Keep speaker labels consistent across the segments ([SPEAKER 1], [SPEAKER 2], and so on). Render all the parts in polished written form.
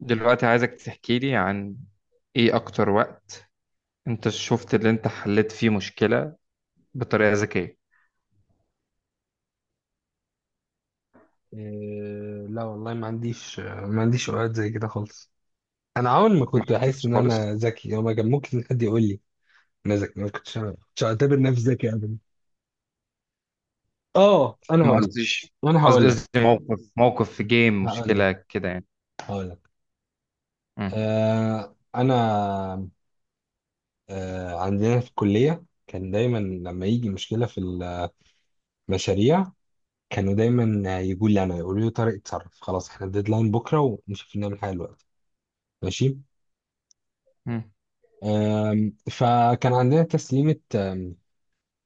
[SPEAKER 1] دلوقتي عايزك تحكي لي عن ايه اكتر وقت انت شفت اللي انت حليت فيه مشكلة بطريقة ذكية.
[SPEAKER 2] إيه. لا والله ما عنديش اوقات زي كده خالص. انا عمري ما
[SPEAKER 1] ما
[SPEAKER 2] كنت بحس
[SPEAKER 1] حصلتش
[SPEAKER 2] ان
[SPEAKER 1] خالص.
[SPEAKER 2] انا ذكي او ما كان ممكن حد يقول لي انا ذكي. ما كنتش كنتش اعتبر نفسي ذكي ابدا. اه، انا
[SPEAKER 1] ما
[SPEAKER 2] هقول لك
[SPEAKER 1] قصديش،
[SPEAKER 2] انا
[SPEAKER 1] قصدي
[SPEAKER 2] هقول لك
[SPEAKER 1] قصدي موقف في جيم،
[SPEAKER 2] هقول لك
[SPEAKER 1] مشكلة كده يعني.
[SPEAKER 2] هقول لك.
[SPEAKER 1] مم.
[SPEAKER 2] آه انا آه عندنا في الكليه كان دايما لما يجي مشكله في المشاريع، كانوا دايما يقولوا لي طارق، اتصرف خلاص، احنا الديدلاين بكره، ومش عارفين نعمل حاجه دلوقتي. ماشي.
[SPEAKER 1] مم.
[SPEAKER 2] فكان عندنا تسليمه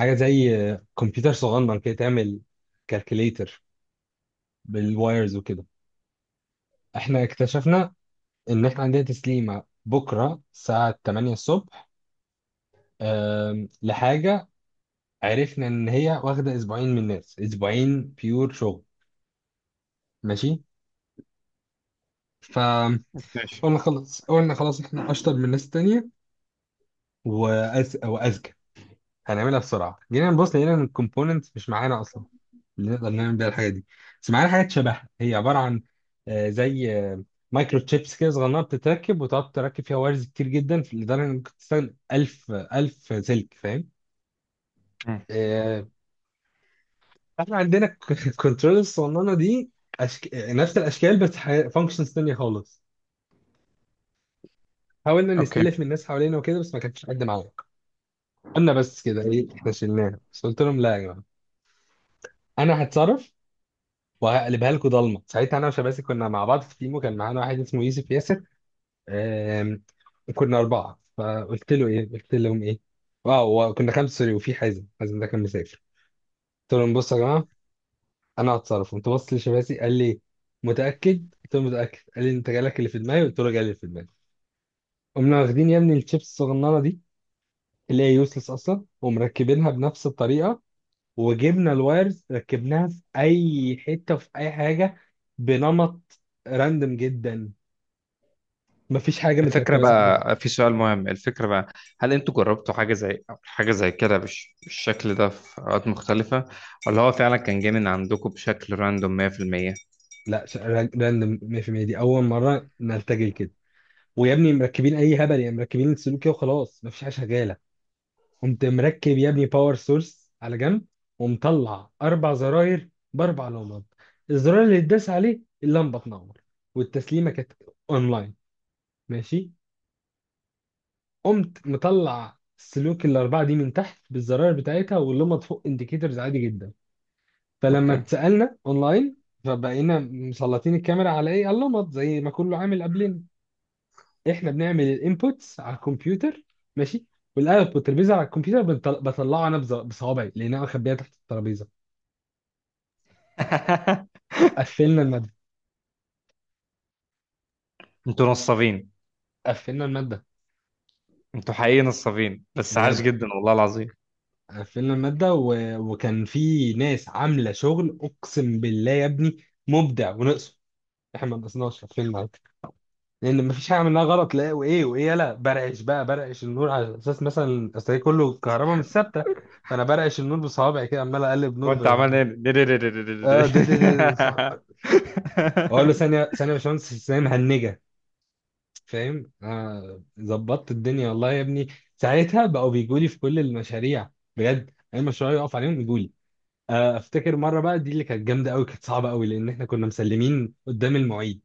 [SPEAKER 2] حاجه زي كمبيوتر صغنن كده تعمل كالكوليتر بالوايرز وكده. احنا اكتشفنا ان احنا عندنا تسليمه بكره الساعه 8 الصبح، لحاجه عرفنا ان هي واخده اسبوعين من الناس، اسبوعين بيور شغل. ماشي. فقلنا
[SPEAKER 1] ماشي.
[SPEAKER 2] خلاص، قلنا خلاص احنا اشطر من الناس التانيه واذكى، هنعملها بسرعه. جينا نبص لقينا ان الكومبوننتس مش معانا اصلا اللي نقدر نعمل بيها الحاجه دي، بس معانا حاجات شبهها. هي عباره عن آه، زي آه، مايكرو تشيبس كده صغننه، بتتركب وتقعد تركب فيها وايرز كتير جدا لدرجه انك ممكن تستخدم 1000 1000 سلك، فاهم.
[SPEAKER 1] مم.
[SPEAKER 2] آه، احنا عندنا الكنترول الصغننه دي نفس الاشكال بس فانكشنز تانية خالص. حاولنا
[SPEAKER 1] اوكي.
[SPEAKER 2] نستلف من الناس حوالينا وكده بس ما كانش حد معانا. قلنا بس كده ايه، احنا شلناها. بس قلت لهم لا يا جماعه، انا هتصرف وهقلبها لكم ضلمه. ساعتها انا وشباسي كنا مع بعض في تيم، وكان معانا واحد اسمه يوسف ياسر. آم، كنا أربعة فقلت له إيه، قلت لهم إيه، اه وكنا خمسة، سوري، وفي حازم. حازم ده كان مسافر. قلت لهم بصوا يا جماعة، أنا هتصرف. قمت بص لشباسي قال لي متأكد؟ قلت له متأكد. قال لي أنت جالك اللي في دماغي؟ قلت له جالي اللي في دماغي. قمنا واخدين يا ابني الشيبس الصغننة دي اللي هي يوسلس أصلا، ومركبينها بنفس الطريقة. وجبنا الوايرز ركبناها في أي حتة وفي أي حاجة، بنمط راندم جدا، مفيش حاجة
[SPEAKER 1] الفكرة
[SPEAKER 2] متركبة صح.
[SPEAKER 1] بقى، في سؤال مهم. الفكرة بقى هل انتوا جربتوا حاجة زي كده بالشكل ده في اوقات مختلفة، ولا هو فعلا كان جاي من عندكم بشكل راندوم 100%؟
[SPEAKER 2] لا راندوم 100%، دي اول مره نرتجل كده. ويا ابني مركبين اي هبل يعني، مركبين السلوك كده وخلاص مفيش حاجه شغاله. قمت مركب يا ابني باور سورس على جنب، ومطلع اربع زراير باربع لمبات. الزرار اللي اتداس عليه اللمبه تنور. والتسليمه كانت اونلاين. ماشي. قمت مطلع السلوك الاربعه دي من تحت بالزراير بتاعتها واللمبه فوق انديكيتورز، عادي جدا. فلما
[SPEAKER 1] اوكي.
[SPEAKER 2] اتسالنا اونلاين فبقينا مسلطين الكاميرا على ايه، على اللمبات، زي ما كله عامل قبلنا. احنا بنعمل الانبوتس على الكمبيوتر، ماشي، والاوتبوت اللي بيظهر على الكمبيوتر بطلعه انا بصوابعي، لان انا مخبيها تحت الترابيزه. قفلنا الماده.
[SPEAKER 1] انتوا نصابين،
[SPEAKER 2] قفلنا الماده
[SPEAKER 1] انتوا حقيقي نصابين، بس عاش
[SPEAKER 2] بجد.
[SPEAKER 1] جدا والله العظيم.
[SPEAKER 2] قفلنا الماده وكان في ناس عامله شغل اقسم بالله يا ابني، مبدع ونقصه. احنا ما نقصناش، قفلنا عادي. لان مفيش حاجه عملناها غلط. لا وايه، يلا، برعش بقى، برعش النور على اساس مثلا اصل هي كله كهرباء مش ثابته. فانا برعش النور بصوابعي كده، عمال اقلب
[SPEAKER 1] هو
[SPEAKER 2] نور
[SPEAKER 1] انت عمال ايه؟
[SPEAKER 2] اه ده ده ده اقول له ثانيه ثانيه يا باشمهندس، ثانيه مهنجه فاهم. ظبطت الدنيا والله يا ابني. ساعتها بقوا بيجوا لي في كل المشاريع، بجد اي مشروع يقف عليهم يجوا لي. افتكر مره بقى دي اللي كانت جامده قوي، كانت صعبه قوي، لان احنا كنا مسلمين قدام المعيد.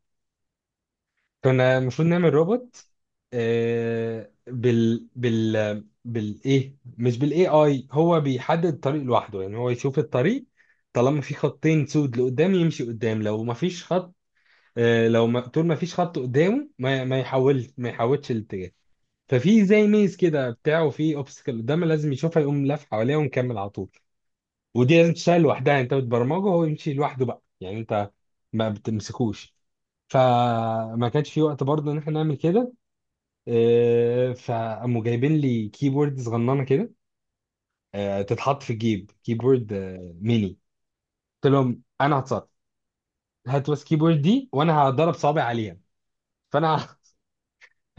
[SPEAKER 2] كنا المفروض نعمل روبوت بال بال بالايه مش بالاي اي، هو بيحدد الطريق لوحده يعني، هو يشوف الطريق. طالما في خطين سود لقدام يمشي قدام. لو ما فيش خط، لو ما طول ما فيش خط قدامه ما يحولش الاتجاه. ففي زي ميز كده بتاعه، وفي اوبستكل قدامه لازم يشوفها يقوم لف حواليها ومكمل على طول. ودي لازم تشتغل لوحدها، انت بتبرمجه وهو يمشي لوحده بقى يعني، انت ما بتمسكوش. فما كانش في وقت برضه ان احنا نعمل كده. فقاموا جايبين لي كيبورد صغننه كده، تتحط في الجيب، كيبورد ميني. قلت لهم انا هتصرف، هات بس كيبورد دي وانا هضرب صوابعي عليها. فانا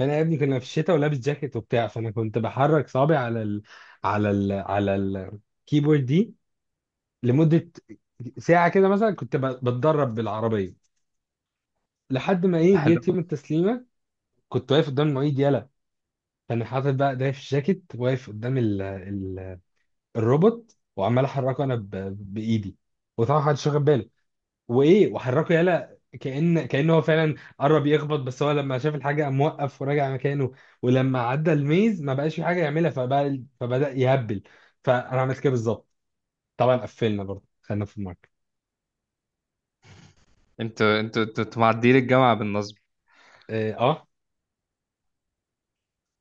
[SPEAKER 2] انا يا ابني كنا في الشتاء ولابس جاكيت وبتاع، فانا كنت بحرك صابعي على على ال... على الكيبورد دي لمده ساعه كده مثلا، كنت بتدرب بالعربيه، لحد ما
[SPEAKER 1] ده
[SPEAKER 2] ايه،
[SPEAKER 1] حلو.
[SPEAKER 2] جيت يوم التسليمه. كنت واقف قدام المعيد يلا، فانا حاطط بقى ايديا في الجاكيت واقف قدام الروبوت، وعمال احركه انا بايدي. وطبعا محدش واخد باله، وايه وحركه يالا، كأنه هو فعلا قرب يخبط، بس هو لما شاف الحاجه قام موقف وراجع مكانه. ولما عدى الميز ما بقاش في حاجه يعملها فبدأ يهبل، فانا عملت كده بالظبط. طبعا قفلنا برضه، خلينا في الماركت.
[SPEAKER 1] انتوا معديين الجامعة بالنصب.
[SPEAKER 2] اه. اه.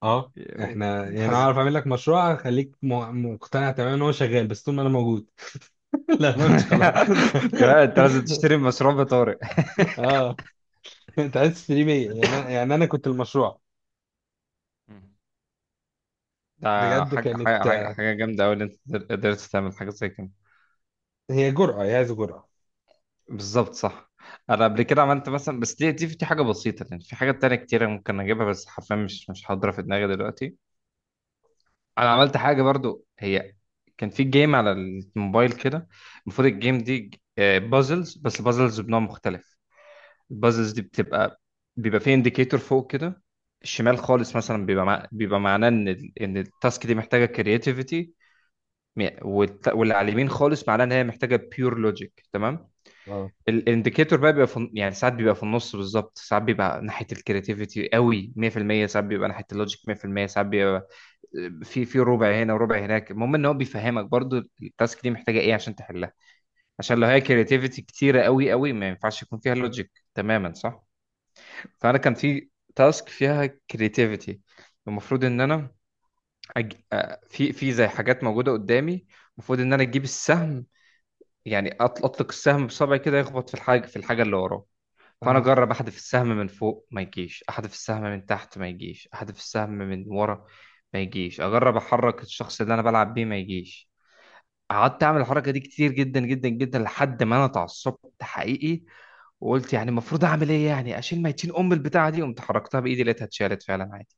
[SPEAKER 2] آه. احنا يعني انا
[SPEAKER 1] حزن.
[SPEAKER 2] اعرف اعمل لك مشروع هخليك مقتنع تماما ان هو شغال، بس طول ما انا موجود. لا، ما مش خلاص.
[SPEAKER 1] انت لازم تشتري مشروع بطارق.
[SPEAKER 2] اه. انت عايز تشتري بيا، يعني انا كنت المشروع.
[SPEAKER 1] ده
[SPEAKER 2] بجد
[SPEAKER 1] حاجة حاجة
[SPEAKER 2] كانت،
[SPEAKER 1] حاجة حاجة جامدة أوي إن أنت قدرت تعمل حاجة زي كده.
[SPEAKER 2] هي جرأة، هي عايزة جرأة.
[SPEAKER 1] بالظبط صح. أنا قبل كده عملت مثلا، بس دي حاجة بسيطة، لأن في حاجات تانية كتيرة ممكن أجيبها بس حرفيا مش حاضرة في دماغي دلوقتي. انا عملت حاجه برضو، هي كان في جيم على الموبايل كده. المفروض الجيم دي بازلز، بس البازلز بنوع مختلف. البازلز دي بيبقى في انديكيتور فوق كده. الشمال خالص مثلا بيبقى معناه ان ان التاسك دي محتاجه كرياتيفيتي، واللي على اليمين خالص معناه ان هي محتاجه بيور لوجيك، تمام.
[SPEAKER 2] اه.
[SPEAKER 1] الانديكيتور بقى يعني ساعات بيبقى في النص بالظبط، ساعات بيبقى ناحيه الكرياتيفيتي قوي 100%، ساعات بيبقى ناحيه اللوجيك 100%، ساعات بيبقى في ربع هنا وربع هناك. المهم ان هو بيفهمك برضو التاسك دي محتاجه ايه عشان تحلها، عشان لو هي كرياتيفيتي كتيره قوي قوي ما ينفعش يكون فيها لوجيك تماما، صح. فانا كان في تاسك فيها كرياتيفيتي، المفروض ان انا أج... آه، في زي حاجات موجوده قدامي. المفروض ان انا اجيب السهم، يعني اطلق السهم بصبعي كده يخبط في الحاجه اللي وراه. فانا
[SPEAKER 2] اه.
[SPEAKER 1] اجرب احذف السهم من فوق ما يجيش، احذف السهم من تحت ما يجيش، احذف السهم من ورا ما يجيش، اجرب احرك الشخص اللي انا بلعب بيه ما يجيش. قعدت اعمل الحركه دي كتير جدا جدا جدا لحد ما انا اتعصبت حقيقي، وقلت يعني المفروض اعمل ايه يعني؟ اشيل ميتين ام البتاعه دي. قمت حركتها بايدي، لقيتها اتشالت فعلا عادي،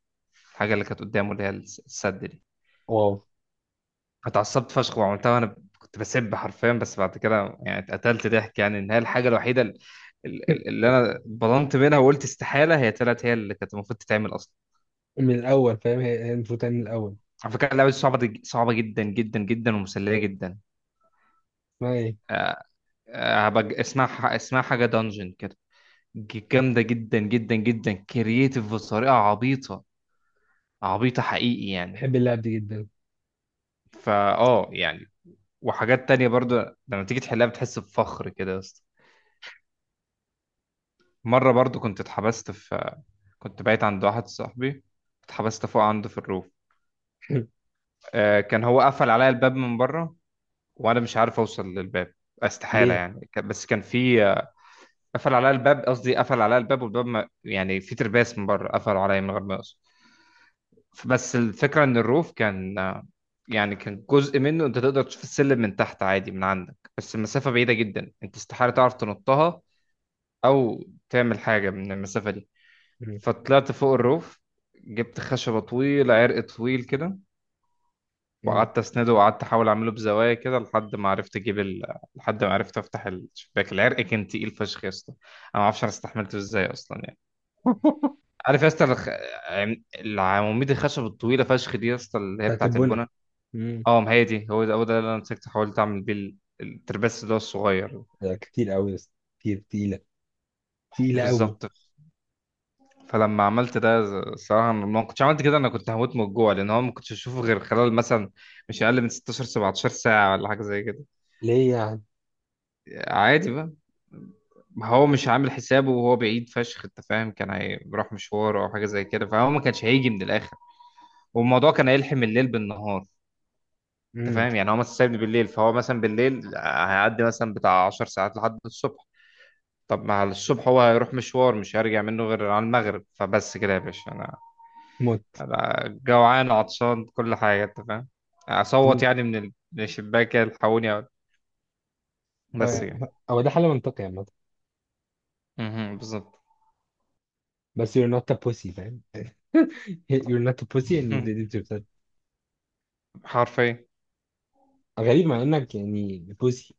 [SPEAKER 1] الحاجه اللي كانت قدامه اللي هي السد دي.
[SPEAKER 2] واو.
[SPEAKER 1] اتعصبت فشخ وعملتها وانا كنت بسب حرفيا، بس بعد كده يعني اتقتلت ضحك، يعني ان هي الحاجه الوحيده اللي انا بضنت منها وقلت استحاله، هي طلعت هي اللي كانت المفروض تتعمل اصلا.
[SPEAKER 2] من الاول فاهم، هي المفروض تعمل من الاول.
[SPEAKER 1] على فكره اللعبه دي صعبه، صعبه جدا جدا جدا ومسليه جدا.
[SPEAKER 2] اسمها ايه؟
[SPEAKER 1] هبقى اسمها، اسمها حاجه دانجن كده. جامده جدا جدا جدا، كرييتيف بطريقه عبيطه، عبيطه حقيقي يعني.
[SPEAKER 2] بحب اللعب دي جدا.
[SPEAKER 1] فا اه يعني، وحاجات تانية برضو لما تيجي تحلها بتحس بفخر كده يا اسطى. مره برضو كنت اتحبست في، كنت بايت عند واحد صاحبي، اتحبست فوق عنده في الروف. آه، كان هو قفل عليا الباب من بره وانا مش عارف اوصل للباب، استحالة
[SPEAKER 2] ليه؟
[SPEAKER 1] يعني بس كان في قفل عليا الباب، قصدي قفل عليا الباب، والباب ما يعني في ترباس من بره، قفلوا عليا من غير ما يقصد. بس الفكرة ان الروف كان، يعني كان جزء منه انت تقدر تشوف السلم من تحت عادي من عندك، بس المسافة بعيدة جدا، انت استحالة تعرف تنطها او تعمل حاجة من المسافة دي.
[SPEAKER 2] مم.
[SPEAKER 1] فطلعت فوق الروف، جبت خشبة طويلة، عرق طويل كده،
[SPEAKER 2] مم.
[SPEAKER 1] وقعدت اسنده، وقعدت احاول اعمله بزوايا كده لحد ما عرفت افتح الشباك. العرق كان تقيل فشخ يا اسطى، انا ما اعرفش انا استحملته ازاي اصلا يعني. عارف يا اسطى العواميد الخشب الطويلة فشخ دي يا اسطى، اللي هي
[SPEAKER 2] بتاعت
[SPEAKER 1] بتاعت
[SPEAKER 2] البنا.
[SPEAKER 1] البنا.
[SPEAKER 2] مم.
[SPEAKER 1] اه، ما هي دي، هو ده هو ده اللي انا مسكت، حاولت اعمل بيه الترباس ده الصغير.
[SPEAKER 2] لا، كتير قوي بس. كتير تقيله. تقيله قوي.
[SPEAKER 1] بالظبط. فلما عملت ده، الصراحة أنا ما كنتش عملت كده، أنا كنت هموت من الجوع، لأن هو ما كنتش أشوفه غير خلال مثلا مش أقل من 16 17 ساعة ولا حاجة زي كده.
[SPEAKER 2] ليه يعني؟
[SPEAKER 1] عادي بقى. ما هو مش عامل حسابه وهو بعيد فشخ، أنت فاهم، كان هيروح مشوار أو حاجة زي كده، فهو ما كانش هيجي من الآخر، والموضوع كان هيلحم الليل بالنهار. أنت
[SPEAKER 2] مم.
[SPEAKER 1] فاهم، يعني هو مثلا سابني بالليل، فهو مثلا بالليل هيعدي مثلا بتاع 10 ساعات لحد الصبح. طب، ما على الصبح هو هيروح مشوار مش هيرجع منه غير على المغرب، فبس كده يا باشا، أنا
[SPEAKER 2] موت.
[SPEAKER 1] أبقى جوعان وعطشان كل حاجة، أنت فاهم.
[SPEAKER 2] كمان.
[SPEAKER 1] أصوت يعني من من الشباك كده تحولني. بس
[SPEAKER 2] آه،
[SPEAKER 1] كده.
[SPEAKER 2] هو ده حل منطقي عامه.
[SPEAKER 1] مهم. بالظبط.
[SPEAKER 2] بس you're not a pussy فاهم. you're not a pussy and you did it yourself.
[SPEAKER 1] حرفيا.
[SPEAKER 2] غريب مع انك يعني pussy.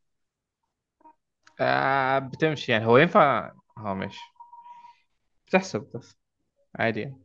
[SPEAKER 1] آه، بتمشي يعني، هو ينفع، هو ماشي، بتحسب بس، عادي يعني.